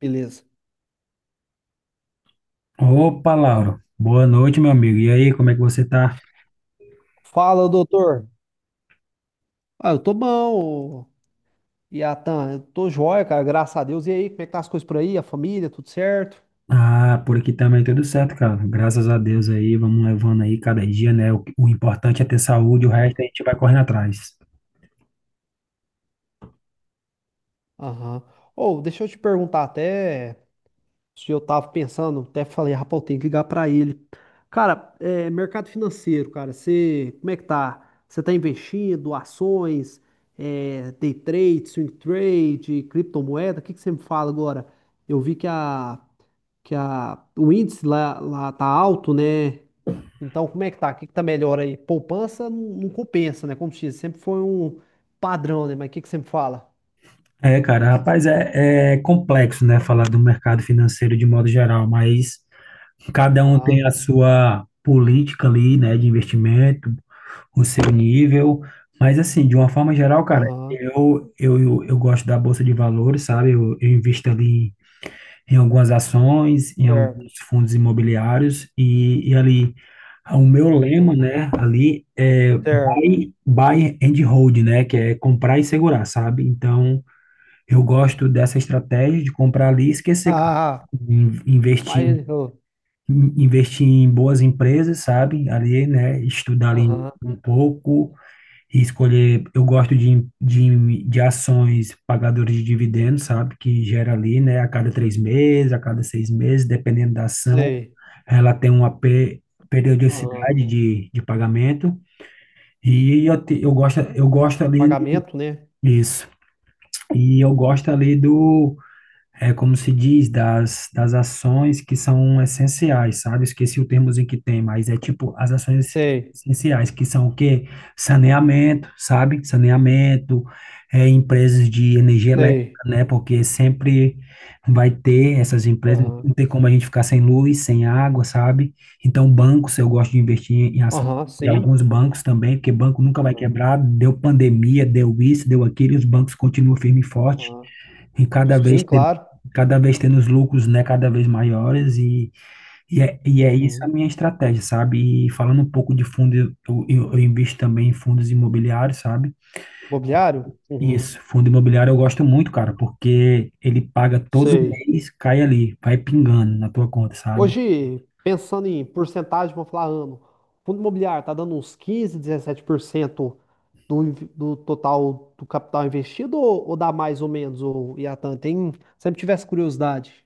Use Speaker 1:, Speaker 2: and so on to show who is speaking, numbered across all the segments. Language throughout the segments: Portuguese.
Speaker 1: Beleza.
Speaker 2: Opa, Lauro. Boa noite, meu amigo. E aí, como é que você tá?
Speaker 1: Fala, doutor. Ah, eu tô bom, Iatan. Eu tô joia, cara. Graças a Deus. E aí, como é que tá as coisas por aí? A família, tudo certo?
Speaker 2: Ah, por aqui também tudo certo, cara. Graças a Deus aí, vamos levando aí cada dia, né? O importante é ter saúde, o
Speaker 1: Aham.
Speaker 2: resto a gente vai correndo atrás.
Speaker 1: Aham. Ou, deixa eu te perguntar até se eu tava pensando, até falei, rapaz, eu tenho que ligar pra ele. Cara, mercado financeiro, cara, você, como é que tá? Você tá investindo, ações, day trade, swing trade, criptomoeda? O que que você me fala agora? Eu vi o índice lá tá alto, né? Então, como é que tá? O que que tá melhor aí? Poupança não compensa, né? Como se diz, sempre foi um padrão, né? Mas o que que sempre fala?
Speaker 2: É, cara, rapaz, é complexo, né? Falar do mercado financeiro de modo geral, mas cada um
Speaker 1: Aham,
Speaker 2: tem a sua política ali, né? De investimento, o seu nível. Mas assim, de uma forma geral, cara,
Speaker 1: aham,
Speaker 2: eu gosto da bolsa de valores, sabe? Eu invisto ali em algumas ações, em
Speaker 1: certo,
Speaker 2: alguns fundos imobiliários e ali o meu lema,
Speaker 1: aham,
Speaker 2: né, ali é
Speaker 1: certo.
Speaker 2: buy and hold, né, que é comprar e segurar, sabe? Então, eu gosto dessa estratégia de comprar ali e esquecer
Speaker 1: Ah,
Speaker 2: in- investir
Speaker 1: aí
Speaker 2: in-
Speaker 1: ele, falou,
Speaker 2: investir em boas empresas, sabe? Ali, né, estudar ali
Speaker 1: aham,
Speaker 2: um pouco e escolher. Eu gosto de ações pagadoras de dividendos, sabe? Que gera ali, né? A cada 3 meses, a cada 6 meses, dependendo da ação,
Speaker 1: sei,
Speaker 2: ela tem uma pe-
Speaker 1: aham,
Speaker 2: periodicidade de pagamento. E eu gosto
Speaker 1: de
Speaker 2: ali.
Speaker 1: pagamento, né?
Speaker 2: Isso. E eu gosto ali do é como se diz, das ações que são essenciais, sabe? Esqueci o termo em que tem, mas é tipo as ações
Speaker 1: Sei,
Speaker 2: essenciais, que são o quê? Saneamento, sabe? Saneamento, empresas de energia elétrica,
Speaker 1: sei,
Speaker 2: né? Porque sempre vai ter essas empresas,
Speaker 1: aham,
Speaker 2: não tem como a gente ficar sem luz, sem água, sabe? Então, bancos, eu gosto de investir em ações.
Speaker 1: aham,
Speaker 2: E
Speaker 1: sim,
Speaker 2: alguns bancos também, porque banco nunca vai
Speaker 1: aham,
Speaker 2: quebrar, deu pandemia, deu isso, deu aquilo, e os bancos continuam firme e forte.
Speaker 1: aham,
Speaker 2: E cada vez,
Speaker 1: sim,
Speaker 2: ten-
Speaker 1: claro,
Speaker 2: cada vez tendo os lucros, né, cada vez maiores, e é isso a
Speaker 1: uhum.
Speaker 2: minha estratégia, sabe? E falando um pouco de fundo, eu invisto também em fundos imobiliários, sabe?
Speaker 1: Mobiliário? Uhum.
Speaker 2: Isso, fundo imobiliário eu gosto muito, cara, porque ele paga todo
Speaker 1: Sei,
Speaker 2: mês, cai ali, vai pingando na tua conta, sabe?
Speaker 1: hoje, pensando em porcentagem, vou falar ano. Fundo imobiliário está dando uns 15, 17% do total do capital investido ou dá mais ou menos, o Iatan? Tem, sempre tivesse curiosidade.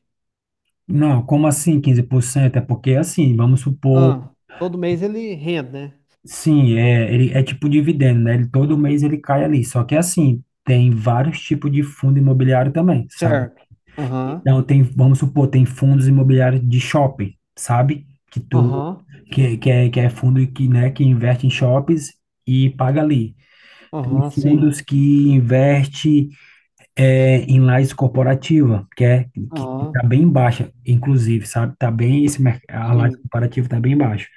Speaker 2: Não, como assim, 15%? É porque assim, vamos supor,
Speaker 1: Ah, todo mês ele rende, né?
Speaker 2: sim, ele é tipo dividendo, né? Ele, todo mês ele cai ali, só que assim, tem vários tipos de fundo imobiliário também, sabe?
Speaker 1: Certo. Aham,
Speaker 2: Então tem, vamos supor, tem fundos imobiliários de shopping, sabe? Que tu
Speaker 1: aham,
Speaker 2: que, que é, que é fundo que, né, que investe em shoppings e paga ali. Tem
Speaker 1: aham, sim.
Speaker 2: fundos que investe em lajes corporativa, que é que
Speaker 1: Aham,
Speaker 2: tá bem baixa, inclusive, sabe? A laje
Speaker 1: sim.
Speaker 2: corporativa tá bem baixa.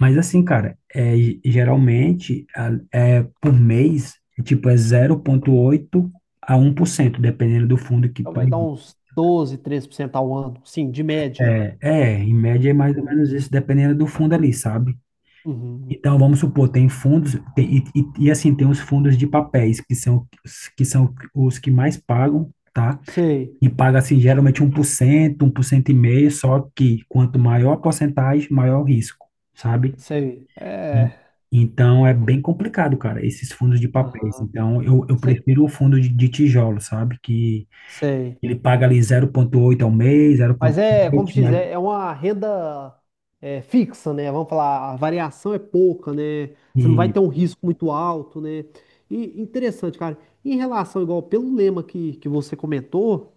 Speaker 2: Mas assim, cara, geralmente por mês, é tipo zero oito a 1%, dependendo do fundo que
Speaker 1: Então
Speaker 2: tu.
Speaker 1: vai dar uns 12, 13% ao ano, sim, de média.
Speaker 2: É, em média é mais ou menos
Speaker 1: Uhum,
Speaker 2: isso, dependendo do fundo ali, sabe?
Speaker 1: uhum.
Speaker 2: Então, vamos supor, tem fundos, assim, tem os fundos de papéis, que são, que são os que mais pagam, tá?
Speaker 1: Sei,
Speaker 2: E paga, assim, geralmente um por cento 1,5%, só que quanto maior a porcentagem, maior o risco, sabe?
Speaker 1: sei.
Speaker 2: E-
Speaker 1: É.
Speaker 2: Então, é bem complicado, cara, esses fundos de papéis.
Speaker 1: Aham.
Speaker 2: Então, eu
Speaker 1: Sei,
Speaker 2: prefiro o fundo de tijolo, sabe? Que
Speaker 1: sei.
Speaker 2: ele paga ali 0,8 ao mês, zero vírgula
Speaker 1: Mas é, como
Speaker 2: sete
Speaker 1: se diz, é uma renda fixa, né? Vamos falar, a variação é pouca, né? Você não vai
Speaker 2: mas.
Speaker 1: ter um risco muito alto, né? E interessante, cara. Em relação, igual, pelo lema que você comentou,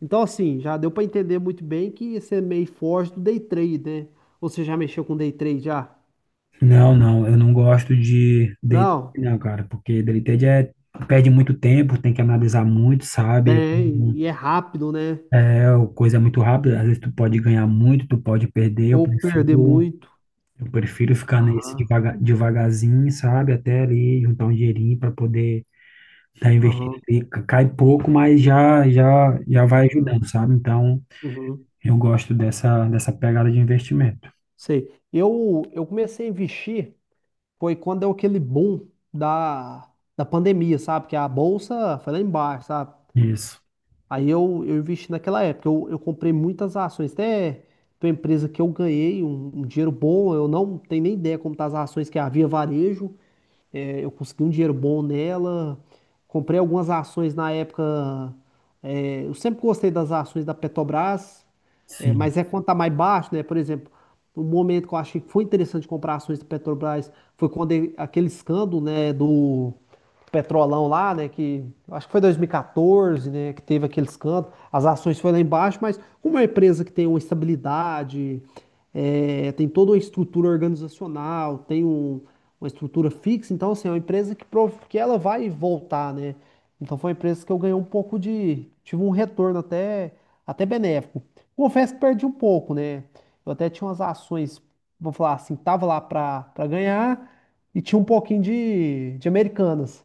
Speaker 1: então assim, já deu para entender muito bem que você é meio forte do day trade, né? Ou, você já mexeu com day trade já?
Speaker 2: Não, não, eu não gosto de date,
Speaker 1: Não,
Speaker 2: não, cara, porque deleted perde muito tempo, tem que analisar muito, sabe?
Speaker 1: tem, e é rápido, né?
Speaker 2: É uma coisa, é muito rápida, às vezes tu pode ganhar muito, tu pode perder, eu
Speaker 1: Ou perder
Speaker 2: prefiro
Speaker 1: muito.
Speaker 2: eu prefiro ficar nesse
Speaker 1: Aham,
Speaker 2: devaga, devagarzinho, sabe? Até ali juntar um dinheirinho para poder tá investindo
Speaker 1: aham,
Speaker 2: ali, cai pouco, mas já já já vai ajudando,
Speaker 1: aham,
Speaker 2: sabe? Então,
Speaker 1: uhum,
Speaker 2: eu gosto dessa pegada de investimento.
Speaker 1: sei. Eu comecei a investir. Foi quando deu aquele boom da, da pandemia, sabe? Que a bolsa foi lá embaixo, sabe?
Speaker 2: Isso.
Speaker 1: Aí eu investi naquela época, eu comprei muitas ações, até tem uma empresa que eu ganhei um dinheiro bom, eu não tenho nem ideia como tá as ações, que é a Via Varejo, eu consegui um dinheiro bom nela. Comprei algumas ações na época. Eu sempre gostei das ações da Petrobras, é,
Speaker 2: Sim.
Speaker 1: mas é quando tá mais baixo, né? Por exemplo, o momento que eu achei que foi interessante comprar ações da Petrobras foi quando aquele escândalo, né, do Petrolão lá, né? Que eu acho que foi 2014, né? Que teve aquele escândalo. As ações foram lá embaixo, mas como é uma empresa que tem uma estabilidade, tem toda uma estrutura organizacional, tem uma estrutura fixa, então assim, é uma empresa que ela vai voltar, né? Então foi uma empresa que eu ganhei um pouco tive um retorno até benéfico. Confesso que perdi um pouco, né? Eu até tinha umas ações, vamos falar assim, tava lá para ganhar e tinha um pouquinho de Americanas.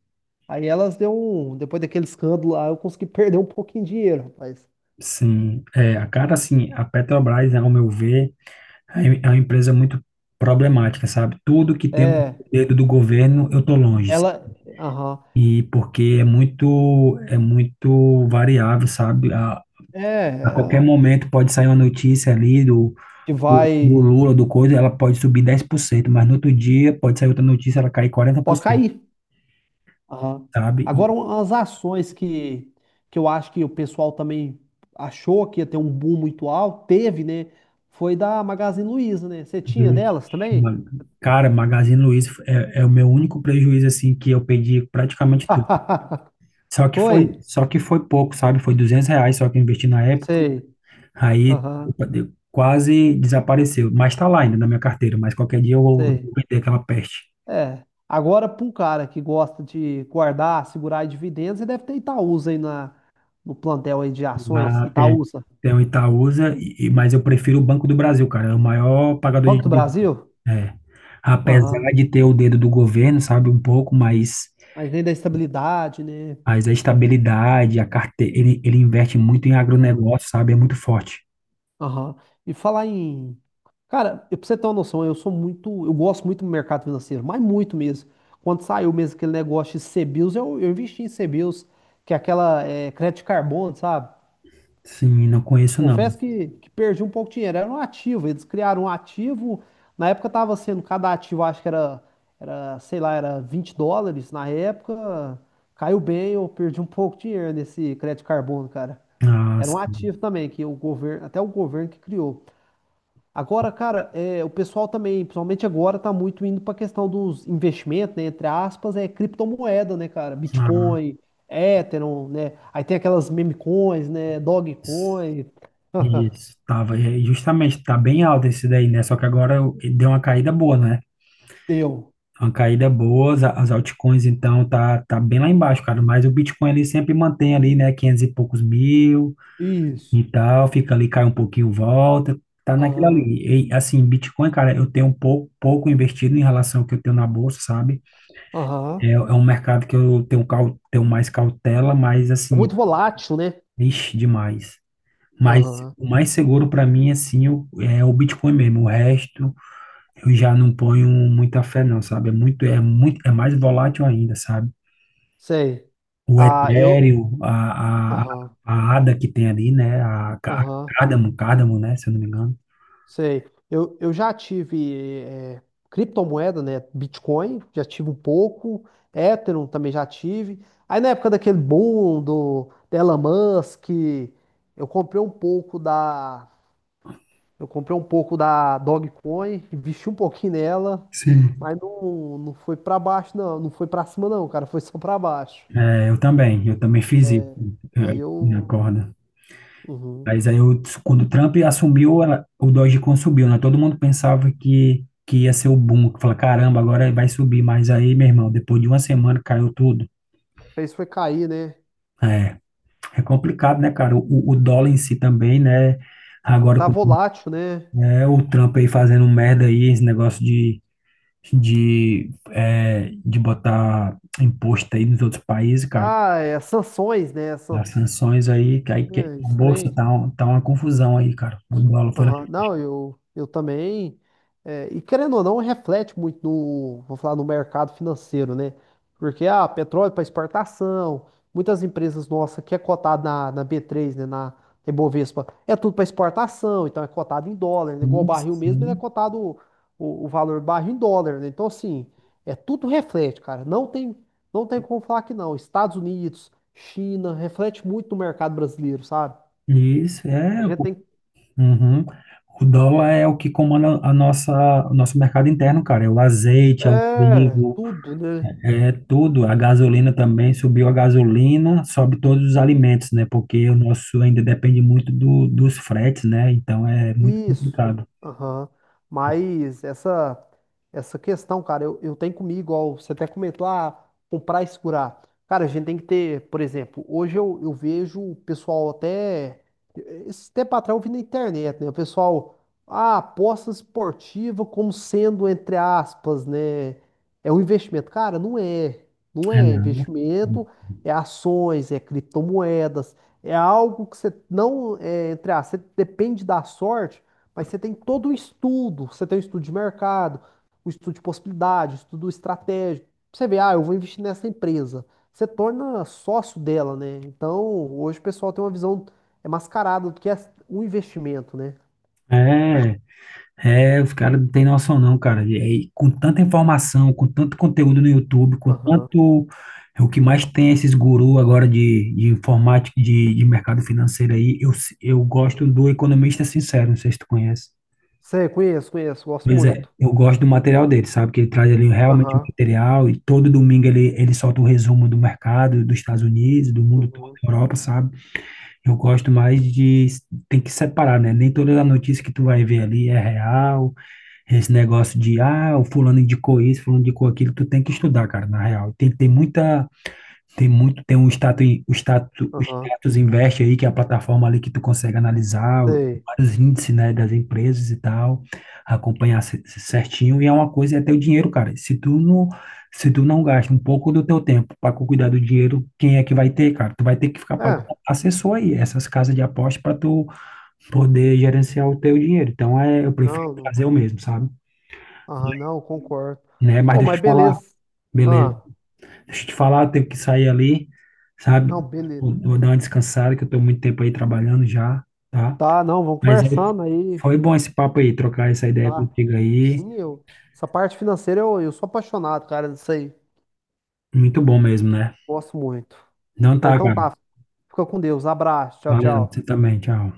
Speaker 1: Aí elas deu um, depois daquele escândalo lá, eu consegui perder um pouquinho de dinheiro, rapaz.
Speaker 2: Sim, a cara, assim, a Petrobras, ao meu ver, É é uma empresa muito problemática, sabe? Tudo que tem o
Speaker 1: É,
Speaker 2: dedo do governo, eu tô longe.
Speaker 1: ela, aham,
Speaker 2: E porque é muito variável, sabe? A,
Speaker 1: é,
Speaker 2: a qualquer
Speaker 1: ela
Speaker 2: momento pode sair uma notícia ali do,
Speaker 1: que
Speaker 2: do, do
Speaker 1: vai,
Speaker 2: Lula, do coisa, ela pode subir 10%, mas no outro dia pode sair outra notícia, ela cai
Speaker 1: pode
Speaker 2: 40%,
Speaker 1: cair. Aham.
Speaker 2: sabe?
Speaker 1: Agora, umas ações que eu acho que o pessoal também achou que ia ter um boom muito alto, teve, né? Foi da Magazine Luiza, né? Você tinha delas também?
Speaker 2: Uma- cara, Magazine Luiza é o meu único prejuízo, assim, que eu perdi praticamente tudo. Só que foi,
Speaker 1: Foi?
Speaker 2: só que foi pouco, sabe? Foi R$ 200 só que eu investi na época.
Speaker 1: Sei.
Speaker 2: Aí
Speaker 1: Aham,
Speaker 2: opa, quase desapareceu, mas está lá ainda na minha carteira, mas qualquer dia eu vou
Speaker 1: sei.
Speaker 2: vender aquela peste.
Speaker 1: É. Agora, para um cara que gosta de guardar, segurar dividendos, ele deve ter Itaúsa aí no plantel aí de ações.
Speaker 2: Lá tem,
Speaker 1: Itaúsa.
Speaker 2: tem o Itaúsa, mas eu prefiro o Banco do Brasil, cara, é o maior pagador de
Speaker 1: Banco do
Speaker 2: dividendos.
Speaker 1: Brasil?
Speaker 2: É. Apesar
Speaker 1: Aham.
Speaker 2: de ter o dedo do governo, sabe, um pouco, mas,
Speaker 1: Mas vem da estabilidade, né?
Speaker 2: mas a estabilidade, a carteira, ele investe muito em agronegócio, sabe, é muito forte.
Speaker 1: Aham. E falar em. Cara, pra você ter uma noção, eu sou muito. Eu gosto muito do mercado financeiro, mas muito mesmo. Quando saiu mesmo aquele negócio de CBIOS, eu investi em CBIOS, que é aquela crédito de carbono, sabe?
Speaker 2: Sim, não conheço não.
Speaker 1: Confesso que perdi um pouco de dinheiro. Era um ativo, eles criaram um ativo. Na época tava sendo, cada ativo acho que era, sei lá, era US$ 20. Na época caiu bem, eu perdi um pouco de dinheiro nesse crédito de carbono, cara.
Speaker 2: Ah,
Speaker 1: Era um
Speaker 2: sim.
Speaker 1: ativo também, que o governo, até o governo que criou. Agora, cara, o pessoal também, principalmente agora, tá muito indo para a questão dos investimentos, né? Entre aspas, é criptomoeda, né, cara?
Speaker 2: Ah,
Speaker 1: Bitcoin, Ethereum, né? Aí tem aquelas memecoins, né? Dogecoin.
Speaker 2: isso, tava, justamente, tá bem alto esse daí, né? Só que agora deu uma caída boa, né?
Speaker 1: eu
Speaker 2: Uma caída boa, as altcoins, então, tá bem lá embaixo, cara. Mas o Bitcoin ele sempre mantém ali, né, 500 e poucos mil e
Speaker 1: Isso.
Speaker 2: tal, fica ali, cai um pouquinho, volta. Tá naquilo
Speaker 1: Aham.
Speaker 2: ali. E, assim, Bitcoin, cara, eu tenho um pouco investido em relação ao que eu tenho na bolsa, sabe? É,
Speaker 1: Aham.
Speaker 2: é um mercado que eu tenho mais cautela, mas,
Speaker 1: É
Speaker 2: assim,
Speaker 1: muito volátil, né?
Speaker 2: ixi, demais. Mas
Speaker 1: Aham.
Speaker 2: o mais seguro para mim é sim o Bitcoin mesmo. O resto eu já não ponho muita fé não, sabe? É mais volátil ainda, sabe?
Speaker 1: Sei.
Speaker 2: O
Speaker 1: Ah, eu.
Speaker 2: Ethereum, a, a,
Speaker 1: Aham.
Speaker 2: a ADA que tem ali, né? A
Speaker 1: Aham.
Speaker 2: Cardano, Cardano, né? Se eu não me engano.
Speaker 1: Sei. Eu já tive criptomoeda, né? Bitcoin, já tive um pouco. Ethereum também já tive. Aí na época daquele boom do Elon Musk, eu comprei um pouco da. Eu comprei um pouco da Dogecoin, investi um pouquinho nela,
Speaker 2: Sim.
Speaker 1: mas não, não foi pra baixo, não. Não foi pra cima, não, cara. Foi só pra baixo.
Speaker 2: É, eu também fiz isso,
Speaker 1: Aí
Speaker 2: na
Speaker 1: eu.
Speaker 2: corda.
Speaker 1: Uhum.
Speaker 2: Mas aí, eu, quando o Trump assumiu, o Dogecoin subiu, né? Todo mundo pensava que ia ser o boom, que fala, caramba, agora vai subir. Mas aí, meu irmão, depois de uma semana caiu tudo.
Speaker 1: Fez foi cair, né?
Speaker 2: É, é complicado, né, cara? O dólar em si também, né? Agora
Speaker 1: Tá
Speaker 2: com
Speaker 1: volátil, né?
Speaker 2: o Trump aí fazendo merda aí, esse negócio de botar imposto aí nos outros países, cara.
Speaker 1: Ah, é sanções, né?
Speaker 2: As sanções aí que
Speaker 1: É,
Speaker 2: a bolsa
Speaker 1: estranho.
Speaker 2: tá uma confusão aí, cara. O dólar foi lá.
Speaker 1: Aham. Não, eu também. E querendo ou não, reflete muito no, vou falar, no mercado financeiro, né? Porque petróleo para exportação, muitas empresas nossas que é cotado na B3, né, na Ibovespa, é tudo para exportação, então é cotado em dólar, né? Igual o
Speaker 2: Sim,
Speaker 1: barril mesmo, ele é
Speaker 2: sim.
Speaker 1: cotado o valor do barril em dólar, né? Então, assim, é tudo reflete, cara. Não tem como falar que não. Estados Unidos, China, reflete muito no mercado brasileiro, sabe?
Speaker 2: Isso, é.
Speaker 1: A gente
Speaker 2: Pô.
Speaker 1: tem.
Speaker 2: Uhum. O dólar é o que comanda a nossa, o nosso mercado interno, cara. É o azeite, é o
Speaker 1: É,
Speaker 2: trigo,
Speaker 1: tudo, né?
Speaker 2: é tudo. A gasolina também subiu, a gasolina, sobe todos os alimentos, né? Porque o nosso ainda depende muito dos fretes, né? Então é muito
Speaker 1: Isso,
Speaker 2: complicado.
Speaker 1: aham. Mas essa questão, cara, eu tenho comigo, igual você até comentou, ah, comprar e segurar. Cara, a gente tem que ter, por exemplo, hoje eu vejo o pessoal até, esse tempo atrás eu vi na internet, né? O pessoal, ah, aposta esportiva como sendo, entre aspas, né? É um investimento. Cara, não é. Não
Speaker 2: É,
Speaker 1: é
Speaker 2: não.
Speaker 1: investimento, é ações, é criptomoedas. É algo que você não, é, entre aspas, você depende da sorte, mas você tem todo o estudo. Você tem o estudo de mercado, o estudo de possibilidade, o estudo estratégico. Você vê, ah, eu vou investir nessa empresa. Você torna sócio dela, né? Então, hoje o pessoal tem uma visão mascarada do que é o investimento, né?
Speaker 2: É, é, os caras não têm noção não, cara. E aí, com tanta informação, com tanto conteúdo no YouTube, com
Speaker 1: Aham.
Speaker 2: tanto. O que mais tem é esses gurus agora de informática, de mercado financeiro aí, eu gosto do Economista Sincero, não sei se tu conhece.
Speaker 1: Sei, conheço, conheço, gosto
Speaker 2: Pois é,
Speaker 1: muito.
Speaker 2: eu gosto do material dele, sabe? Que ele traz ali realmente o
Speaker 1: Aham,
Speaker 2: material e todo domingo ele solta um resumo do mercado dos Estados Unidos, do mundo todo,
Speaker 1: uhum,
Speaker 2: da Europa, sabe? Eu gosto mais de. Tem que separar, né? Nem toda a notícia que tu vai ver ali é real. Esse negócio de, ah, o fulano indicou isso, fulano indicou aquilo, tu tem que estudar, cara, na real. Tem que ter muita tem muito, tem um status, o status, o
Speaker 1: aham,
Speaker 2: status investe aí, que é a plataforma ali que tu consegue analisar
Speaker 1: sei.
Speaker 2: vários índices, né, das empresas e tal, acompanhar certinho, e é uma coisa, é teu dinheiro, cara. Se tu não gasta um pouco do teu tempo para cuidar do dinheiro, quem é que vai ter, cara? Tu vai ter que ficar pagando
Speaker 1: É,
Speaker 2: um assessor aí, essas casas de aposta para tu poder gerenciar o teu dinheiro. Então, eu prefiro
Speaker 1: não, não,
Speaker 2: fazer o mesmo, sabe?
Speaker 1: aham, não, concordo.
Speaker 2: Né? Mas
Speaker 1: Oh,
Speaker 2: deixa eu
Speaker 1: mas
Speaker 2: te falar,
Speaker 1: beleza.
Speaker 2: beleza?
Speaker 1: Ah,
Speaker 2: Deixa eu te falar, eu tenho que sair ali, sabe?
Speaker 1: não, beleza.
Speaker 2: Vou dar uma descansada, que eu tô muito tempo aí trabalhando já, tá?
Speaker 1: Tá, não, vamos
Speaker 2: Mas aí,
Speaker 1: conversando aí.
Speaker 2: foi bom esse papo aí, trocar essa ideia
Speaker 1: Tá.
Speaker 2: contigo aí.
Speaker 1: Sim, eu. Essa parte financeira eu sou apaixonado, cara, disso aí.
Speaker 2: Muito bom mesmo, né?
Speaker 1: Gosto muito.
Speaker 2: Não
Speaker 1: Não,
Speaker 2: tá,
Speaker 1: então
Speaker 2: cara.
Speaker 1: tá. Fica com Deus. Abraço. Tchau,
Speaker 2: Valeu, você
Speaker 1: tchau.
Speaker 2: também, tchau.